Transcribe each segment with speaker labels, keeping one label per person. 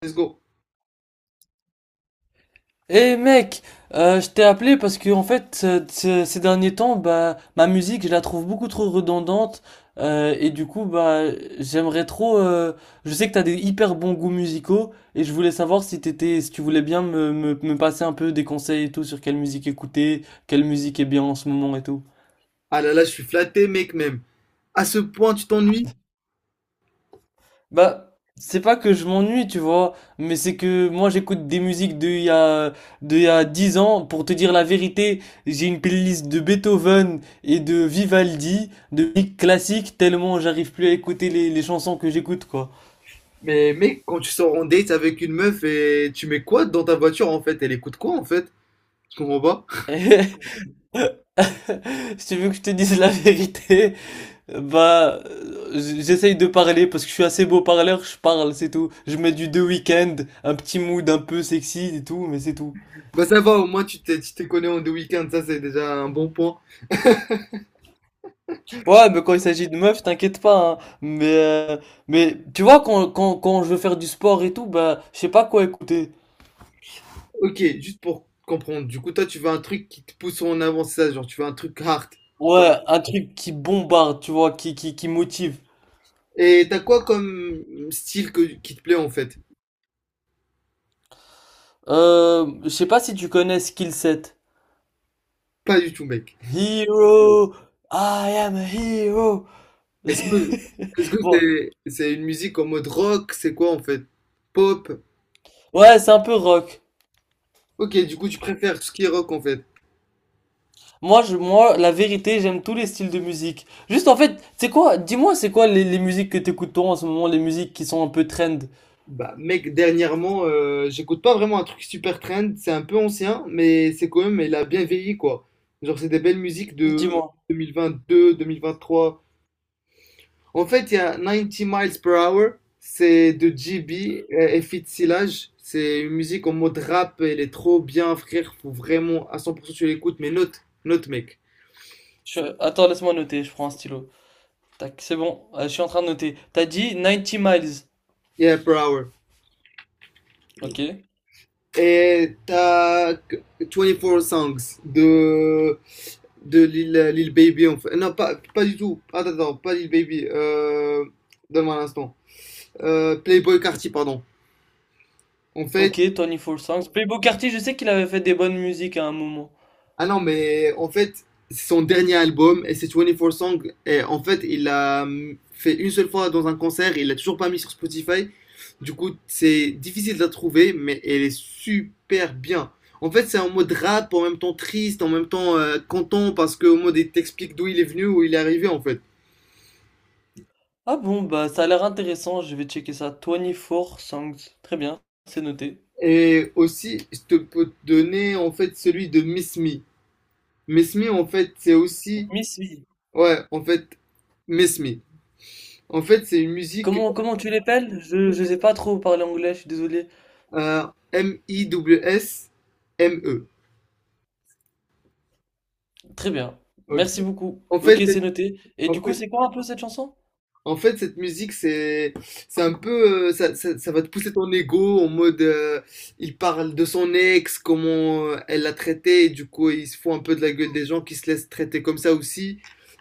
Speaker 1: Let's go.
Speaker 2: Eh mec, je t'ai appelé parce que en fait ces derniers temps, bah, ma musique, je la trouve beaucoup trop redondante, et du coup, bah, j'aimerais trop. Je sais que t'as des hyper bons goûts musicaux et je voulais savoir si tu voulais bien me passer un peu des conseils et tout sur quelle musique écouter, quelle musique est bien en ce moment et tout.
Speaker 1: Ah là là, je suis flatté, mec, même. À ce point, tu t'ennuies?
Speaker 2: Bah, c'est pas que je m'ennuie, tu vois, mais c'est que moi j'écoute des musiques de il y a 10 ans. Pour te dire la vérité, j'ai une playlist de Beethoven et de Vivaldi, de musique classique, tellement j'arrive plus à écouter les chansons que j'écoute, quoi.
Speaker 1: Mais mec, quand tu sors en date avec une meuf et tu mets quoi dans ta voiture en fait? Elle écoute quoi en fait? Je comprends pas.
Speaker 2: Si tu veux que je te dise la vérité, bah, j'essaye de parler parce que je suis assez beau parleur, je parle, c'est tout. Je mets du The Weeknd, un petit mood un peu sexy et tout, mais c'est tout.
Speaker 1: Bah ça va, au moins tu te connais en deux week-ends, ça c'est déjà un bon point.
Speaker 2: Ouais, mais quand il s'agit de meufs, t'inquiète pas, hein. Mais tu vois, quand je veux faire du sport et tout, bah, je sais pas quoi écouter.
Speaker 1: Ok, juste pour comprendre, du coup toi tu veux un truc qui te pousse en avant, c'est ça, genre tu veux un truc hard.
Speaker 2: Ouais, un truc qui bombarde, tu vois, qui motive.
Speaker 1: Et t'as quoi comme style qui te plaît en fait?
Speaker 2: Je sais pas si tu connais Skillset.
Speaker 1: Pas du tout, mec.
Speaker 2: Hero, I am a hero.
Speaker 1: Est-ce que est-ce que
Speaker 2: Bon,
Speaker 1: c'est une musique en mode rock? C'est quoi en fait? Pop?
Speaker 2: ouais, c'est un peu rock.
Speaker 1: Ok, du coup, tu préfères tout ce qui est rock en fait.
Speaker 2: Moi, la vérité, j'aime tous les styles de musique. Juste, en fait, c'est quoi? Dis-moi, c'est quoi les musiques que t'écoutes toi en ce moment, les musiques qui sont un peu trend?
Speaker 1: Bah, mec, dernièrement, j'écoute pas vraiment un truc super trend. C'est un peu ancien, mais c'est quand même, il a bien vieilli quoi. Genre, c'est des belles musiques de
Speaker 2: Dis-moi.
Speaker 1: 2022, 2023. En fait, il y a Ninety Miles Per Hour, c'est de GB et Fit Silage. C'est une musique en mode rap, elle est trop bien, frère. Faut vraiment à 100% tu l'écoutes, mais note, note, mec.
Speaker 2: Attends, laisse-moi noter, je prends un stylo. Tac, c'est bon, je suis en train de noter. T'as dit Ninety Miles.
Speaker 1: Yeah, Per Hour.
Speaker 2: Ok.
Speaker 1: Et t'as 24 Songs de Lil Baby, en fait. Non, pas du tout. Attends, attends, pas Lil Baby. Donne-moi un instant. Playboy Carti, pardon. En fait,
Speaker 2: Ok, 24 Songs. Playboi Carti, je sais qu'il avait fait des bonnes musiques à un moment.
Speaker 1: ah non, mais en fait, c'est son dernier album et c'est 24 Songs. Et en fait, il l'a fait une seule fois dans un concert, il l'a toujours pas mis sur Spotify. Du coup, c'est difficile de la trouver, mais elle est super bien. En fait, c'est en mode rap, en même temps triste, en même temps content, parce qu'au mode, il t'explique d'où il est venu, où il est arrivé, en fait.
Speaker 2: Ah bon, bah ça a l'air intéressant, je vais checker ça. 24 Songs. Très bien, c'est noté.
Speaker 1: Et aussi, je te peux te donner en fait celui de Miss Me. Miss Me, en fait, c'est aussi.
Speaker 2: Miss V.
Speaker 1: Ouais, en fait, Miss Me. En fait, c'est une musique
Speaker 2: Comment tu l'appelles? Je sais pas trop parler anglais, je suis désolé.
Speaker 1: euh, M-I-W-S-M-E.
Speaker 2: Très bien,
Speaker 1: Ok.
Speaker 2: merci beaucoup.
Speaker 1: En fait,
Speaker 2: Ok,
Speaker 1: c'est-
Speaker 2: c'est noté. Et
Speaker 1: en
Speaker 2: du coup,
Speaker 1: fait,
Speaker 2: c'est quoi un peu cette chanson?
Speaker 1: En fait, cette musique, c'est un peu, ça va te pousser ton ego en mode, il parle de son ex, comment elle l'a traité, et du coup, il se fout un peu de la gueule des gens qui se laissent traiter comme ça aussi.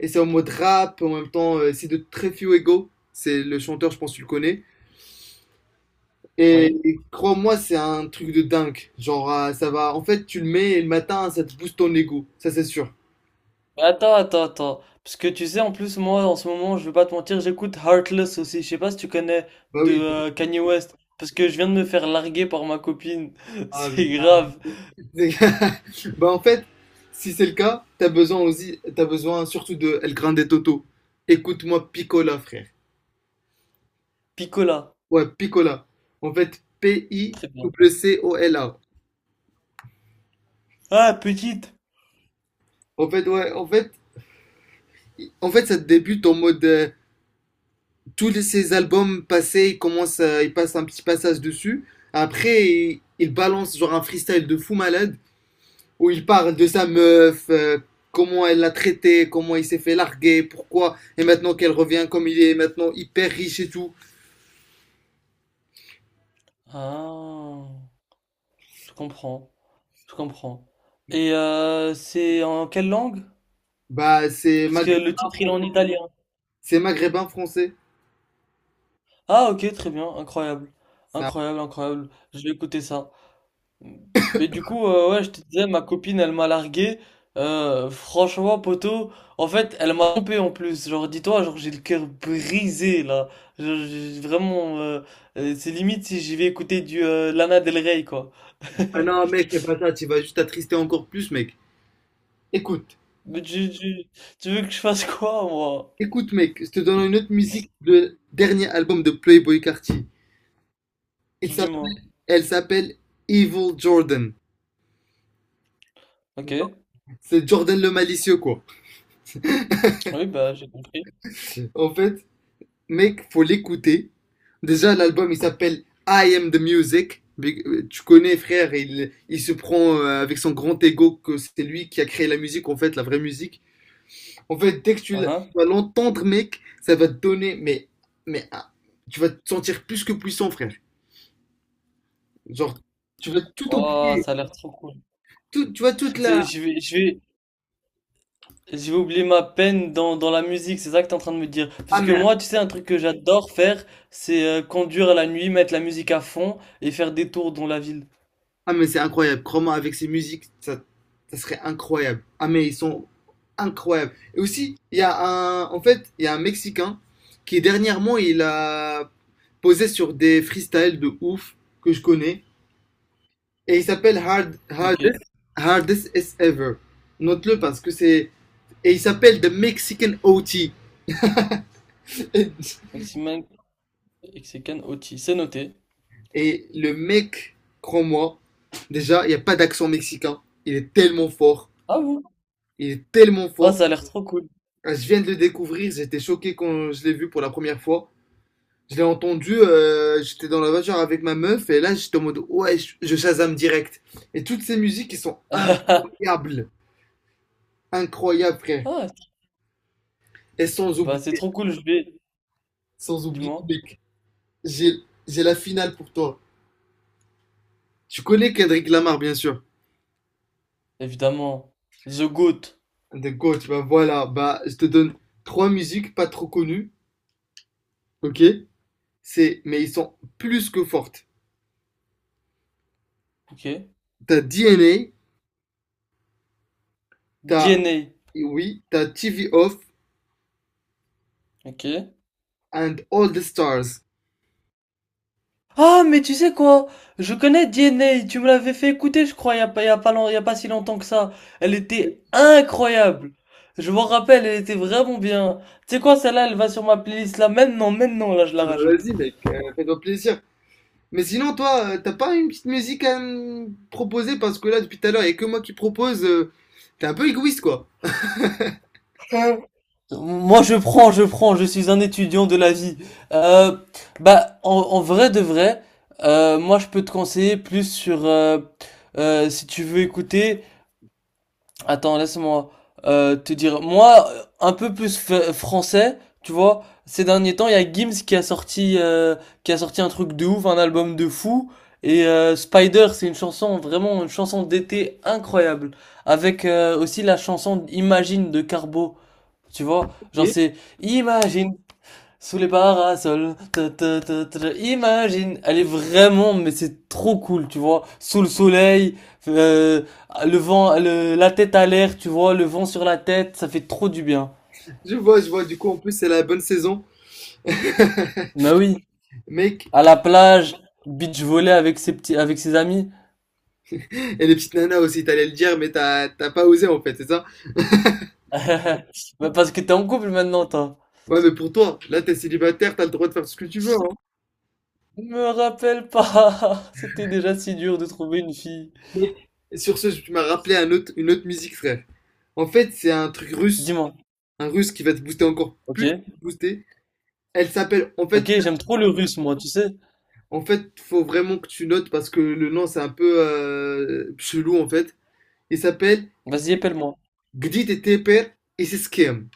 Speaker 1: Et c'est en mode rap, en même temps, c'est de très few ego. C'est le chanteur, je pense que tu le connais. Et,
Speaker 2: Oui.
Speaker 1: et crois-moi, c'est un truc de dingue. Genre, ça va, en fait, tu le mets et le matin, ça te booste ton ego. Ça, c'est sûr.
Speaker 2: Mais attends, attends, attends. Parce que tu sais, en plus, moi, en ce moment, je vais pas te mentir, j'écoute Heartless aussi. Je sais pas si tu connais
Speaker 1: Bah
Speaker 2: de
Speaker 1: oui.
Speaker 2: Kanye West. Parce que je viens de me faire larguer par ma copine.
Speaker 1: Ah,
Speaker 2: C'est
Speaker 1: oui, ah,
Speaker 2: grave.
Speaker 1: oui. Bah en fait, si c'est le cas, t'as besoin aussi, t'as besoin surtout de El Grande Toto. Écoute-moi Picola, frère.
Speaker 2: Picola.
Speaker 1: Ouais, Picola. En fait,
Speaker 2: Très bien.
Speaker 1: P-I-C-O-L-A.
Speaker 2: Ah, petite.
Speaker 1: En fait, ouais, en fait, i- en fait, ça débute en mode ces albums passés, ils commencent, ils passent un petit passage dessus. Après, il balance genre un freestyle de fou malade où il parle de sa meuf, comment elle l'a traité, comment il s'est fait larguer, pourquoi, et maintenant qu'elle revient comme il est, maintenant hyper riche et tout.
Speaker 2: Ah, je comprends. Je comprends. Et c'est en quelle langue?
Speaker 1: Bah, c'est
Speaker 2: Parce que le
Speaker 1: maghrébin
Speaker 2: titre, il est en
Speaker 1: français.
Speaker 2: italien.
Speaker 1: C'est maghrébin français.
Speaker 2: Ah, ok, très bien. Incroyable.
Speaker 1: C'est un-
Speaker 2: Incroyable, incroyable. Je vais écouter ça. Mais du coup, ouais, je te disais, ma copine, elle m'a largué. Franchement, poto, en fait, elle m'a trompé en plus. Genre, dis-toi, genre, j'ai le cœur brisé, là. Genre, j'ai vraiment, c'est limite si j'y vais écouter du Lana Del Rey, quoi.
Speaker 1: Ah non, mec, fais pas ça, tu vas juste t'attrister encore plus, mec. Écoute,
Speaker 2: Mais tu veux que je fasse quoi, moi?
Speaker 1: écoute, mec, je te donne une autre musique de dernier album de Playboy Carti. Il s'appelle,
Speaker 2: Dis-moi.
Speaker 1: elle s'appelle Evil Jordan.
Speaker 2: Ok.
Speaker 1: C'est Jordan le malicieux, quoi.
Speaker 2: Oui, bah, j'ai compris.
Speaker 1: En fait, mec, faut l'écouter. Déjà, l'album, il s'appelle I Am The Music. Mais, tu connais, frère, il se prend avec son grand ego que c'est lui qui a créé la musique, en fait, la vraie musique. En fait, dès que tu
Speaker 2: Uhum.
Speaker 1: vas l'entendre, mec, ça va te donner, mais ah, tu vas te sentir plus que puissant, frère. Genre, tu vas tout
Speaker 2: Oh,
Speaker 1: oublier,
Speaker 2: ça a l'air trop cool.
Speaker 1: tout, tu vois, toute
Speaker 2: Tu
Speaker 1: la...
Speaker 2: sais, j'ai oublié ma peine dans la musique, c'est ça que t'es en train de me dire.
Speaker 1: Ah
Speaker 2: Parce que
Speaker 1: mais,
Speaker 2: moi, tu sais, un truc que j'adore faire, c'est conduire à la nuit, mettre la musique à fond et faire des tours dans la ville.
Speaker 1: ah mais c'est incroyable, crois-moi, avec ces musiques, ça serait incroyable. Ah mais ils sont incroyables. Et aussi, il y a un Mexicain qui dernièrement, il a posé sur des freestyles de ouf que je connais, et il s'appelle
Speaker 2: Ok.
Speaker 1: Hardest As Ever. Note-le parce que c'est Et il s'appelle The Mexican OT.
Speaker 2: Maximin Mexican Oti, c'est noté.
Speaker 1: Et le mec, crois-moi, déjà, il n'y a pas d'accent mexicain. Il est tellement fort.
Speaker 2: Ah vous
Speaker 1: Il est tellement
Speaker 2: Ah,
Speaker 1: fort.
Speaker 2: ça a l'air trop cool.
Speaker 1: Ah, je viens de le découvrir. J'étais choqué quand je l'ai vu pour la première fois. Je l'ai entendu. J'étais dans la voiture avec ma meuf. Et là, j'étais en mode, ouais, je Shazam direct. Et toutes ces musiques, elles sont incroyables. Incroyables, frère.
Speaker 2: Ah,
Speaker 1: Et sans
Speaker 2: bah c'est
Speaker 1: oublier,
Speaker 2: trop cool, je vais.
Speaker 1: sans oublier,
Speaker 2: Dis-moi.
Speaker 1: mec, j'ai j'ai la finale pour toi. Tu connais Kendrick Lamar, bien sûr.
Speaker 2: Évidemment. The Goat.
Speaker 1: The Goat, bah voilà, bah je te donne trois musiques pas trop connues, ok? Mais ils sont plus que fortes.
Speaker 2: Ok.
Speaker 1: T'as DNA, t'as,
Speaker 2: DNA.
Speaker 1: oui, t'as TV Off
Speaker 2: Ok.
Speaker 1: and All the Stars.
Speaker 2: Ah, mais tu sais quoi? Je connais DNA, tu me l'avais fait écouter, je crois, il y a pas, il y a pas, long- il y a pas si longtemps que ça. Elle était incroyable. Je m'en rappelle, elle était vraiment bien. Tu sais quoi, celle-là, elle va sur ma playlist là maintenant, maintenant, là, je la
Speaker 1: Ah bah
Speaker 2: rajoute.
Speaker 1: vas-y mec, fais-toi plaisir. Mais sinon toi, t'as pas une petite musique à me proposer parce que là depuis tout à l'heure, il y a que moi qui propose. T'es un peu égoïste quoi.
Speaker 2: Moi, je prends, je suis un étudiant de la vie. Euh, Bah, en vrai de vrai, moi, je peux te conseiller plus sur, si tu veux écouter, attends, laisse-moi te dire. Moi, un peu plus français, tu vois. Ces derniers temps, il y a Gims qui a sorti un truc de ouf, un album de fou. Et Spider, c'est une chanson d'été incroyable, avec aussi la chanson Imagine de Carbo. Tu vois, genre
Speaker 1: Ok.
Speaker 2: c'est Imagine sous les parasols, ta, ta, ta, ta, imagine, elle est vraiment, mais c'est trop cool, tu vois, sous le soleil, euh, le vent, la tête à l'air, tu vois, le vent sur la tête, ça fait trop du bien.
Speaker 1: Je vois, je vois. Du coup en plus c'est la bonne saison,
Speaker 2: Mais oui,
Speaker 1: mec.
Speaker 2: à la plage, beach volley avec ses amis.
Speaker 1: Et les petites nanas aussi, t'allais le dire, mais t'as pas osé en fait, c'est ça?
Speaker 2: Bah, parce que t'es en couple maintenant, toi.
Speaker 1: Ouais, mais pour toi, là, t'es célibataire, t'as le droit de faire ce que tu veux, hein.
Speaker 2: Me rappelle pas, c'était déjà si dur de trouver une fille.
Speaker 1: Mais sur ce, tu m'as rappelé une autre musique, frère. En fait, c'est un truc russe,
Speaker 2: Dis-moi.
Speaker 1: un russe qui va te booster encore
Speaker 2: Ok.
Speaker 1: plus, te booster. Elle s'appelle,
Speaker 2: Ok, j'aime trop le russe, moi, tu sais.
Speaker 1: en fait, faut vraiment que tu notes parce que le nom, c'est un peu chelou, en fait. Il s'appelle
Speaker 2: Vas-y, appelle-moi.
Speaker 1: Gdi Teper et c'est Skem.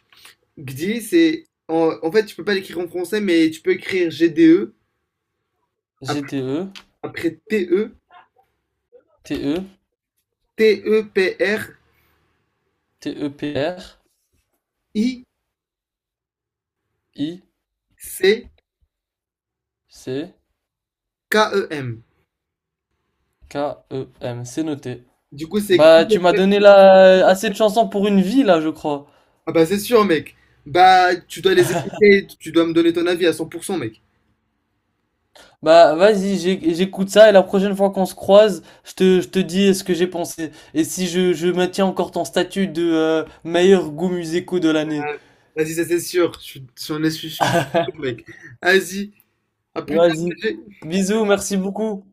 Speaker 1: Gdi, en fait, tu peux pas l'écrire en français, mais tu peux écrire GDE après,
Speaker 2: GTE,
Speaker 1: T E
Speaker 2: TE.
Speaker 1: T-E-P-R-I-C-K-E-M.
Speaker 2: T-E-P-R-I-C-K-E-M. C'est noté.
Speaker 1: Du coup, c'est...
Speaker 2: Bah, tu m'as donné là assez de chansons pour une vie, là, je crois.
Speaker 1: Ah bah c'est sûr, mec. Bah, tu dois les écouter, tu dois me donner ton avis à 100%, mec.
Speaker 2: Bah, vas-y, j'écoute ça et la prochaine fois qu'on se croise, je te dis ce que j'ai pensé. Et si je maintiens encore ton statut de meilleur goût musicaux de l'année.
Speaker 1: Ah, vas-y, ça c'est sûr. Je suis sûr, mec. vas-y, à plus tard,
Speaker 2: Vas-y.
Speaker 1: PG.
Speaker 2: Bisous, merci beaucoup.